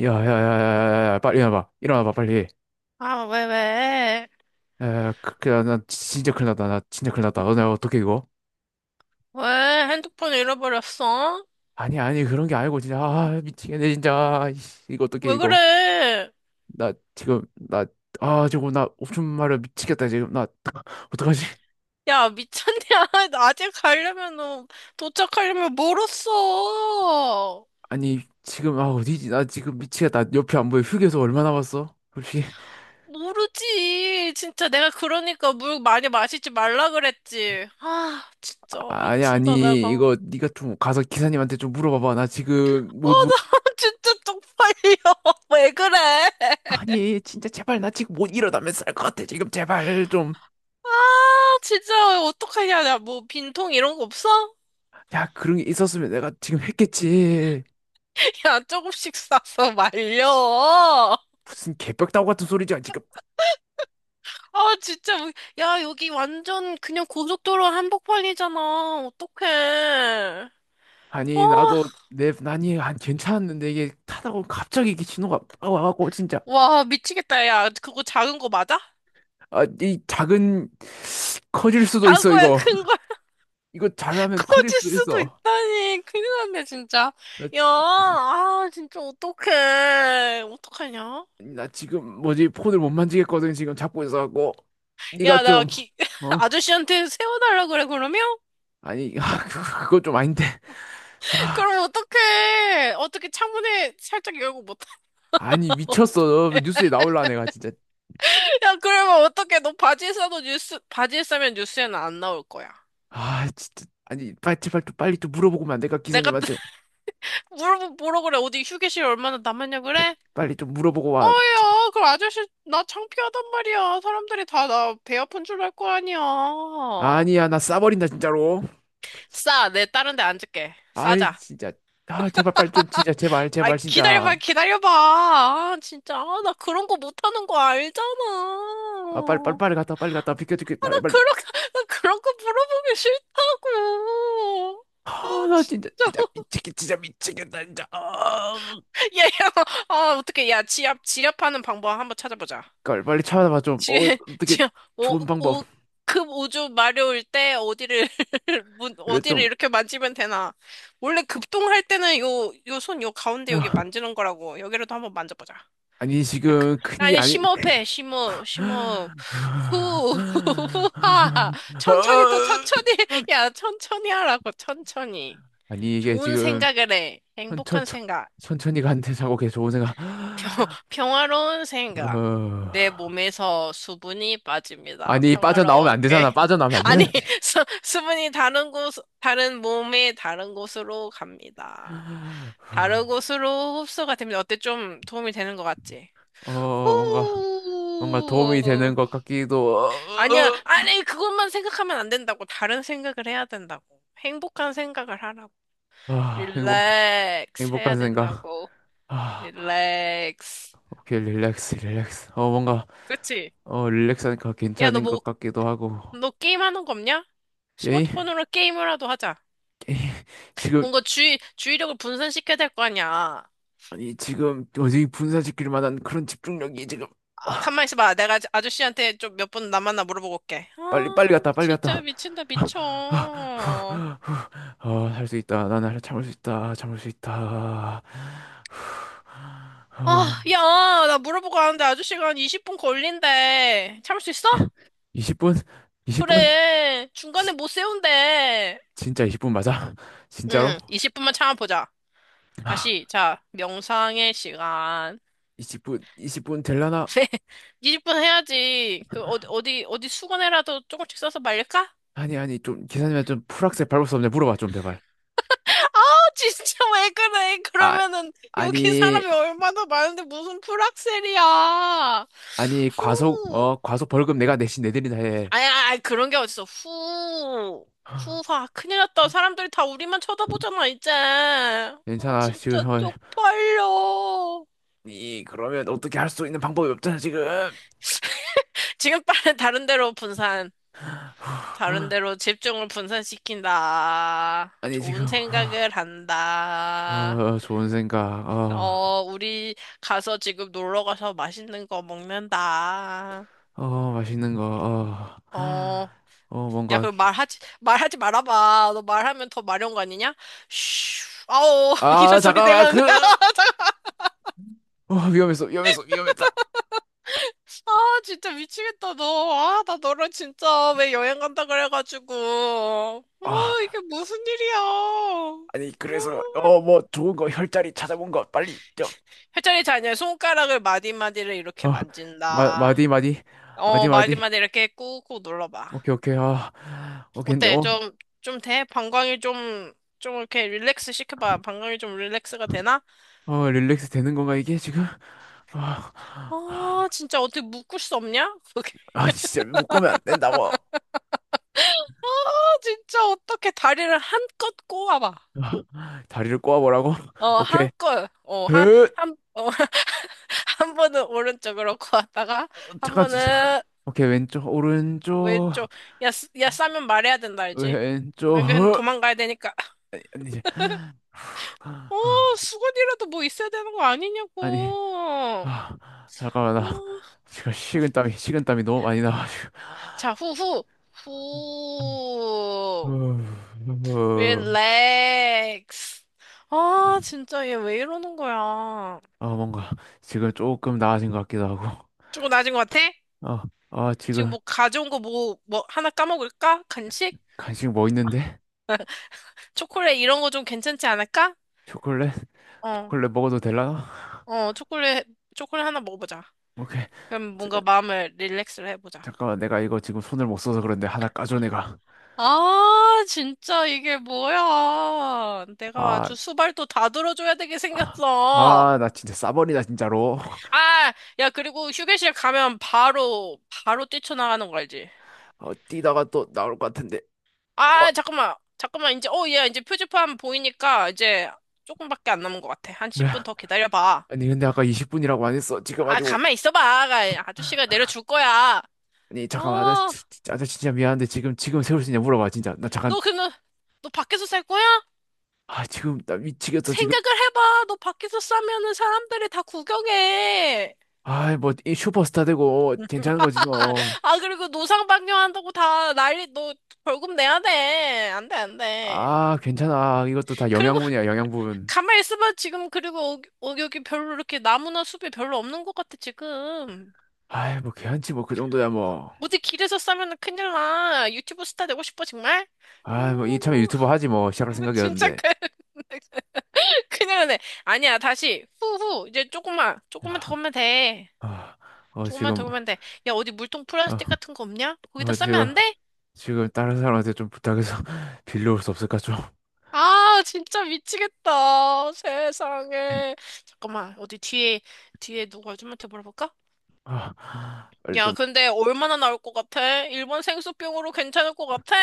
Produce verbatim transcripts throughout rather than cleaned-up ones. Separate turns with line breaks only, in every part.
야야야야야야 빨리 일어나봐, 일어나봐 빨리.
아, 왜, 왜?
야야 그나 진짜 큰일 났다. 나 진짜 큰일 났다. 너내 어떻게 이거.
왜 핸드폰 잃어버렸어?
아니 아니 그런 게 아니고 진짜. 아 미치겠네 진짜. 아이씨, 이거 어떻게
왜
이거.
그래?
나 지금 나 아 저거 나 옵션 말려 미치겠다 지금 나. 어떡하지.
야, 미쳤냐? 나 아직 가려면은, 도착하려면 멀었어.
아니 지금. 아 어디지. 나 지금 미치겠다. 옆에 안 보여. 휴게소 얼마 남았어 혹시?
모르지. 진짜 내가 그러니까 물 많이 마시지 말라 그랬지. 아, 진짜
아, 아니
미친다, 내가.
아니
어,
이거 네가 좀 가서 기사님한테 좀 물어봐봐. 나 지금
나
못 못
진짜 쪽팔려. 왜 그래?
아니 진짜 제발. 나 지금 못 일어나면 쌀것 같아 지금. 제발 좀.
아, 진짜 어떡하냐. 나 뭐 빈통 이런 거 없어?
야, 그런 게 있었으면 내가 지금 했겠지.
야, 조금씩 싸서 말려.
무슨 개벽다구 같은 소리지, 지금.
아, 진짜. 뭐- 야, 여기 완전 그냥 고속도로 한복판이잖아. 어떡해. 아,
아니, 나도 내 난이 안 괜찮았는데 이게 타다가 갑자기 이게 신호가 빡 와갖고 진짜.
와, 미치겠다. 야, 그거 작은 거 맞아?
아, 이 작은. 커질 수도
작은
있어,
거야,
이거.
큰 거야.
이거 잘하면 커질
커질
수도
수도
있어.
있다니. 큰일 났네, 진짜.
나,
야, 아, 진짜 어떡해. 어떡하냐?
나 지금 뭐지, 폰을 못 만지겠거든, 지금 잡고 있어갖고. 네가
야, 나
좀.
기,
어?
아저씨한테 세워달라 그래, 그러면?
아니, 그거 좀 아닌데. 아,
그럼 어떡해. 어떻게 창문에 살짝 열고 못,
아니, 미쳤어. 뉴스에 나올라, 내가 진짜.
야, 그러면 어떡해. 너 바지에 싸도 뉴스, 바지에 싸면 뉴스에는 안 나올 거야.
아, 진짜. 아니, 빨리, 제발 또 빨리 좀 물어보고 면 안 될까,
내가
기사님한테?
물어보 뭐라 그래? 어디 휴게실 얼마나 남았냐
그,
그래?
빨리 좀 물어보고 와, 진짜.
어야, 그 아저씨 나 창피하단 말이야. 사람들이 다 나 배 아픈 줄 알 거 아니야.
아니야, 나 싸버린다, 진짜로.
싸, 내 다른 데 앉을게.
아이,
싸자.
진짜. 아, 제발 빨리 좀, 진짜, 제발,
아,
제발, 진짜.
기다려봐, 기다려봐. 아, 진짜, 아, 나 그런 거 못하는 거 알잖아.
아, 빨리, 빨리, 빨리 갔다 와, 빨리 갔다 와. 비켜, 비켜,
아,
빨리,
나
빨리.
그런, 거- 나 그런 거 물어보기 싫다고. 아,
아, 나 진짜,
진짜.
진짜 미치겠, 진짜 미치겠다, 진짜. 아,
야, 야, 아, 어떻게, 야, 지압, 지압하는 방법 한번 찾아보자.
빨리, 빨리 찾아봐 좀.
지금,
어, 어떻게.
지금, 오,
좋은 방법.
오, 급 우주 마려울 때 어디를, 문,
그래,
어디를
좀.
이렇게 만지면 되나. 원래 급동할 때는 요, 요 손, 요 가운데 여기
아,
만지는 거라고. 여기라도 한번 만져보자.
아니,
약간-
지금 큰 게
아니,
아니.
심호흡해, 심호흡, 심호흡. 후, 후하. 천천히 더 천천히. 야, 천천히 하라고, 천천히.
아니, 이게
좋은
지금.
생각을 해.
천천,
행복한
천,
생각.
천천히 간대 자고 걔 좋은 생각.
평, 평화로운 생각.
어...
내 몸에서 수분이 빠집니다.
아니 빠져나오면 안
평화롭게.
되잖아. 빠져나오면 안
아니,
되는 지.
수, 수분이 다른 곳, 다른 몸의 다른 곳으로 갑니다. 다른 곳으로 흡수가 됩니다. 어때? 좀 도움이 되는 것 같지?
어, 뭔가 뭔가 도움이
후.
되는 것 같기도.
아니야,
어,
아니, 그것만 생각하면 안 된다고. 다른 생각을 해야 된다고. 행복한 생각을 하라고.
어. 어. 아, 행복
릴렉스 해야
행복한 생각.
된다고.
아,
릴렉스.
오케이 릴렉스 릴렉스. 어 뭔가.
그치?
어 릴렉스하니까
야, 너
괜찮은
뭐,
것 같기도 하고.
너 게임 하는 거 없냐?
예?
스마트폰으로 게임을 라도 하자.
지금.
뭔가 주의, 주의력을 분산시켜야 될 거 아니야.
아니 지금 어디 분산시킬 만한 그런 집중력이 지금.
아,
아,
가만 있어봐. 내가 아- 아저씨한테 좀 몇 분 남았나 물어보고 올게.
빨리 빨리
아,
갔다, 빨리
진짜
갔다.
미친다, 미쳐. 아,
어, 할 수 있다. 나는 참을 수 있다. 참을 수 있다. 어,
야, 나 물어보고 가는데 아저씨가 한 이십 분 걸린대. 참을 수 있어?
이십 분? 이십 분?
그래. 중간에
지,
못 세운대.
진짜 이십 분 맞아? 진짜로?
응, 이십 분만 참아보자.
아,
다시, 자, 명상의 시간.
이십 분, 이십 분 될라나?
이십 분 해야지. 그, 어디, 어디, 어디 수건에라도 조금씩 써서 말릴까?
아니, 아니, 좀, 기사님한테 좀 풀악세 밟을 수 없냐 물어봐 좀, 제발.
아우 진짜 왜 그래?
아,
그러면은 여기
아니,
사람이 얼마나 많은데 무슨 풀악셀이야.
아니, 과속,
후.
어, 과속 벌금 내가 내신 내드린다 해.
아니, 아니, 아니, 그런 게 어딨어. 후. 후하. 큰일 났다. 사람들이 다 우리만 쳐다보잖아, 이제. 아,
괜찮아, 지금,
진짜
어.
쪽팔려.
이, 그러면 어떻게 할 수 있는 방법이 없잖아, 지금.
지금 빨리 다른 데로 분산. 다른 데로 집중을 분산시킨다.
아니, 지금.
좋은 생각을
어. 어,
한다.
어, 좋은 생각. 어,
어, 우리 가서 지금 놀러 가서 맛있는 거 먹는다.
어, 맛있는 거. 어,
어,
어, 뭔가.
야, 그
기-
말하지, 말하지 말아봐. 너 말하면 더 마려운 거 아니냐? 슈, 아오, 이런
아,
소리
잠깐만.
내면.
그, 어, 위험했어, 위험했어, 위험했다.
아, 진짜 미치겠다, 너. 아, 나 너랑 진짜 왜 여행 간다 그래가지고. 어,
아,
이게 무슨 일이야.
아니, 그래서,
음.
어, 뭐, 좋은 거, 혈자리 찾아본 거, 빨리. 저,
회전이 자녀 손가락을 마디마디를 이렇게
어, 마,
만진다.
마디, 마디.
어,
마디, 마디.
마디마디 이렇게 꾹꾹 눌러봐.
오케이, 오케이. 아, 오케이. 근데,
어때?
어,
좀, 좀 돼? 방광이 좀, 좀 이렇게 릴렉스 시켜봐. 방광이 좀 릴렉스가 되나?
어, 릴렉스 되는 건가, 이게 지금? 아,
아, 진짜 어떻게 묶을 수 없냐? 그게.
아, 진짜 묶으면 안 된다고.
아, 진짜 어떻게 다리를 한껏 꼬아봐.
다리를 꼬아보라고?
어,
오케이.
한껏. 어, 한,
으,
한, 어, 한 번은 오른쪽으로 꼬았다가, 한
잠깐, 잠깐.
번은
오케이, 왼쪽, 오른쪽.
왼쪽. 야, 쓰- 야, 싸면 말해야 된다, 알지?
왼쪽
안 그러면
허-
도망가야 되니까.
아니 이제.
어, 수건이라도 뭐 있어야 되는 거
아니.
아니냐고.
아, 잠깐만.
어,
나 지금 식은땀이 식은땀이 너무 많이 나가지고.
자, 후, 후, 후,
후,
릴렉스. 아, 진짜 얘 왜 이러는 거야.
아 뭔가 지금 조금 나아진 것 같기도 하고.
조금 낮은 것 같아?
아아
지금
지금.
뭐 가져온 거 뭐, 뭐 하나 까먹을까? 간식?
간식 뭐 있는데.
초콜릿 이런 거 좀 괜찮지 않을까?
초콜릿.
어,
초콜릿 먹어도 될라나.
어, 초콜릿, 초콜릿 하나 먹어보자.
오케이.
그럼
자,
뭔가 마음을 릴렉스를 해보자.
잠깐만 내가 이거 지금 손을 못 써서 그런데 하나 까줘, 내가.
아, 진짜 이게 뭐야. 내가 아주
아.
수발도 다 들어줘야 되게 생겼어.
아 나 진짜 싸버리다 진짜로.
아, 야, 그리고 휴게실 가면 바로, 바로 뛰쳐나가는 거 알지?
어 뛰다가 또 나올 것 같은데. 어,
아, 잠깐만, 잠깐만, 이제, 어, 얘 이제 표지판 보이니까 이제 조금밖에 안 남은 것 같아. 한
그래.
십 분 더 기다려봐.
아니 근데 아까 이십 분이라고 안 했어 지금?
아,
아주 오-
가만 있어봐. 아, 아저씨가 내려줄 거야.
아니 잠깐만 아저씨
어,
진- 진짜, 아저씨 진짜 미안한데 지금 지금 세울 수 있냐 물어봐, 진짜. 나 잠깐.
너, 그, 너, 너 밖에서 살 거야?
아 지금 나 미치겠어 지금.
생각을 해봐. 너 밖에서 싸면은 사람들이 다 구경해.
아뭐 슈퍼스타 되고, 어, 괜찮은 거지 뭐.
아, 그리고 노상 방뇨한다고 다 난리, 너 벌금 내야 돼. 안 돼, 안 돼.
아 괜찮아, 이것도 다
그리고
영양분이야, 영양분.
가만히 있어봐, 지금. 그리고 어, 어, 여기 별로 이렇게 나무나 숲이 별로 없는 것 같아, 지금.
아이 뭐 괜찮지 뭐, 그 정도야 뭐.
어디 길에서 싸면 큰일 나. 유튜브 스타 되고 싶어, 정말?
아이 뭐 이참에
오,
유튜버 하지 뭐, 시작할
진짜
생각이었는데.
큰- 큰일 나네. 아니야, 다시. 후후. 이제 조금만, 조금만
아,
더 오면 돼.
아, 어
조금만 더
지금.
오면 돼. 야, 어디 물통 플라스틱
어,
같은 거 없냐? 거기다
어
싸면
지금.
안 돼?
지금 다른 사람한테 좀 부탁해서 빌려올 수 없을까 좀.
아, 진짜 미치겠다. 세상에. 잠깐만, 어디 뒤에, 뒤에 누구 아줌마한테 물어볼까?
아, 빨리
야,
좀.
근데 얼마나 나올 것 같아? 일본 생수병으로 괜찮을 것 같아?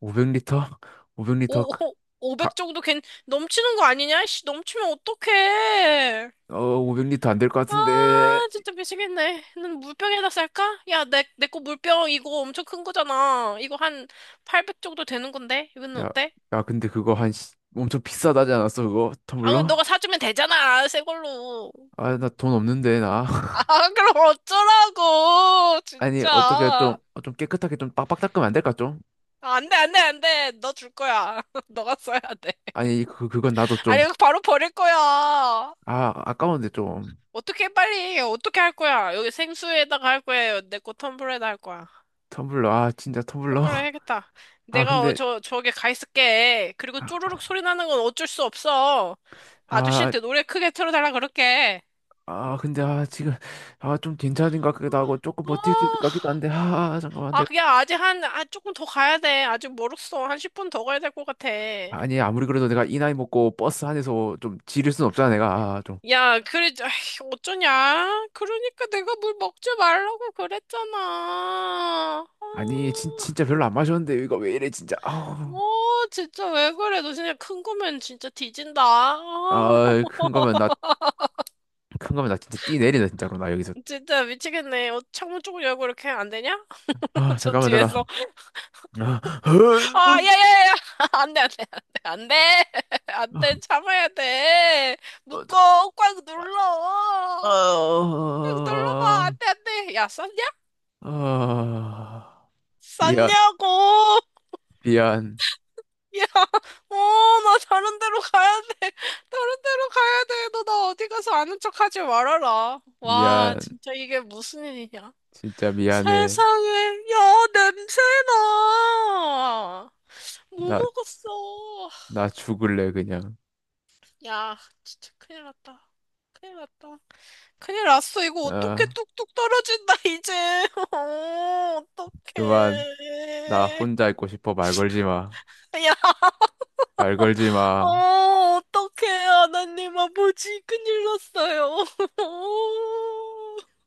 오백 리터? 오백 리터.
오, 오,
가,
오백 정도 괜, 넘치는 거 아니냐? 씨, 넘치면 어떡해.
어, 오백 리터 안될 것
아,
같은데.
진짜 미치겠네. 난 물병에다 쌀까? 야, 내, 내 거 물병 이거 엄청 큰 거잖아. 이거 한 팔백 정도 되는 건데? 이거는
야,
어때?
야, 근데 그거 한 시- 엄청 비싸다지 않았어, 그거?
아,
텀블러?
너가 사주면 되잖아. 새 걸로.
아, 나 돈 없는데, 나.
아, 그럼 어쩌라고.
아니, 어떻게 좀,
진짜.
어, 좀 깨끗하게 좀 빡빡 닦으면 안 될까, 좀?
아, 안 돼, 안 돼, 안 돼. 너 줄 거야. 너가 써야 돼.
아니, 그, 그건 나도 좀.
아니, 이거 바로 버릴 거야.
아, 아까운데, 좀.
어떻게 빨리, 어떻게 할 거야? 여기 생수에다가 할 거야. 내 거 텀블러에다 할 거야.
텀블러, 아, 진짜
텀
텀블러.
블러 해야겠다.
아,
내가 어,
근데,
저, 저기 가 있을게. 그리고 쪼르륵
아,
소리 나는 건 어쩔 수 없어.
아,
아저씨한테 노래 크게 틀어달라 그럴게.
아, 근데, 아, 지금, 아, 좀 괜찮은 것 같기도 하고, 조금
어,
버틸 수 있을
어.
것 같기도 한데, 아, 잠깐만.
아, 그냥 아직 한, 아, 조금 더 가야 돼. 아직 멀었어. 한 십 분 더 가야 될 것 같아.
아니 아무리 그래도 내가 이 나이 먹고 버스 안에서 좀 지릴 순 없잖아, 내가. 아, 좀.
야, 그래, 아이, 어쩌냐? 그러니까 내가 물 먹지 말라고 그랬잖아.
아니 진,
아.
진짜 별로 안 마셨는데 이거 왜 이래 진짜. 아.
어, 진짜 왜 그래? 너 진짜 큰 거면 진짜 뒤진다. 아,
아 큰 거면 나. 큰 거면 나 진짜 띠 내리네 진짜로, 나 여기서.
진짜 미치겠네. 어, 창문 쪽을 열고 이렇게 하면 안 되냐?
아
저
잠깐만 잠깐.
뒤에서.
아, 아,
아, 야, 야, 야, 야. 안 돼, 안 돼, 안 돼, 안 돼. 안 돼, 참아야 돼.
어, 자-
묶어. 꽉 눌러.
아,
꽉 눌러봐. 안
아,
돼, 안 돼. 야, 쌌냐?
아. 미안.
쌌냐고.
미안.
야, 어, 나 다른 데로 가야 돼. 다른 데로 가야 돼. 너 나 어디 가서 아는 척 하지 말아라. 와,
미안.
진짜 이게 무슨 일이냐.
진짜 미안해.
세상에, 야, 냄새나! 뭐
나.
먹었어?
나 죽을래 그냥.
야, 진짜 큰일 났다. 큰일 났다. 큰일 났어. 이거 어떻게
아
뚝뚝 떨어진다, 이제. 어, 어떡해.
그만. 나 혼자 있고 싶어. 말 걸지 마.
야,
말 걸지
어,
마.
어떡해. 하나님 아버지, 큰일 났어요.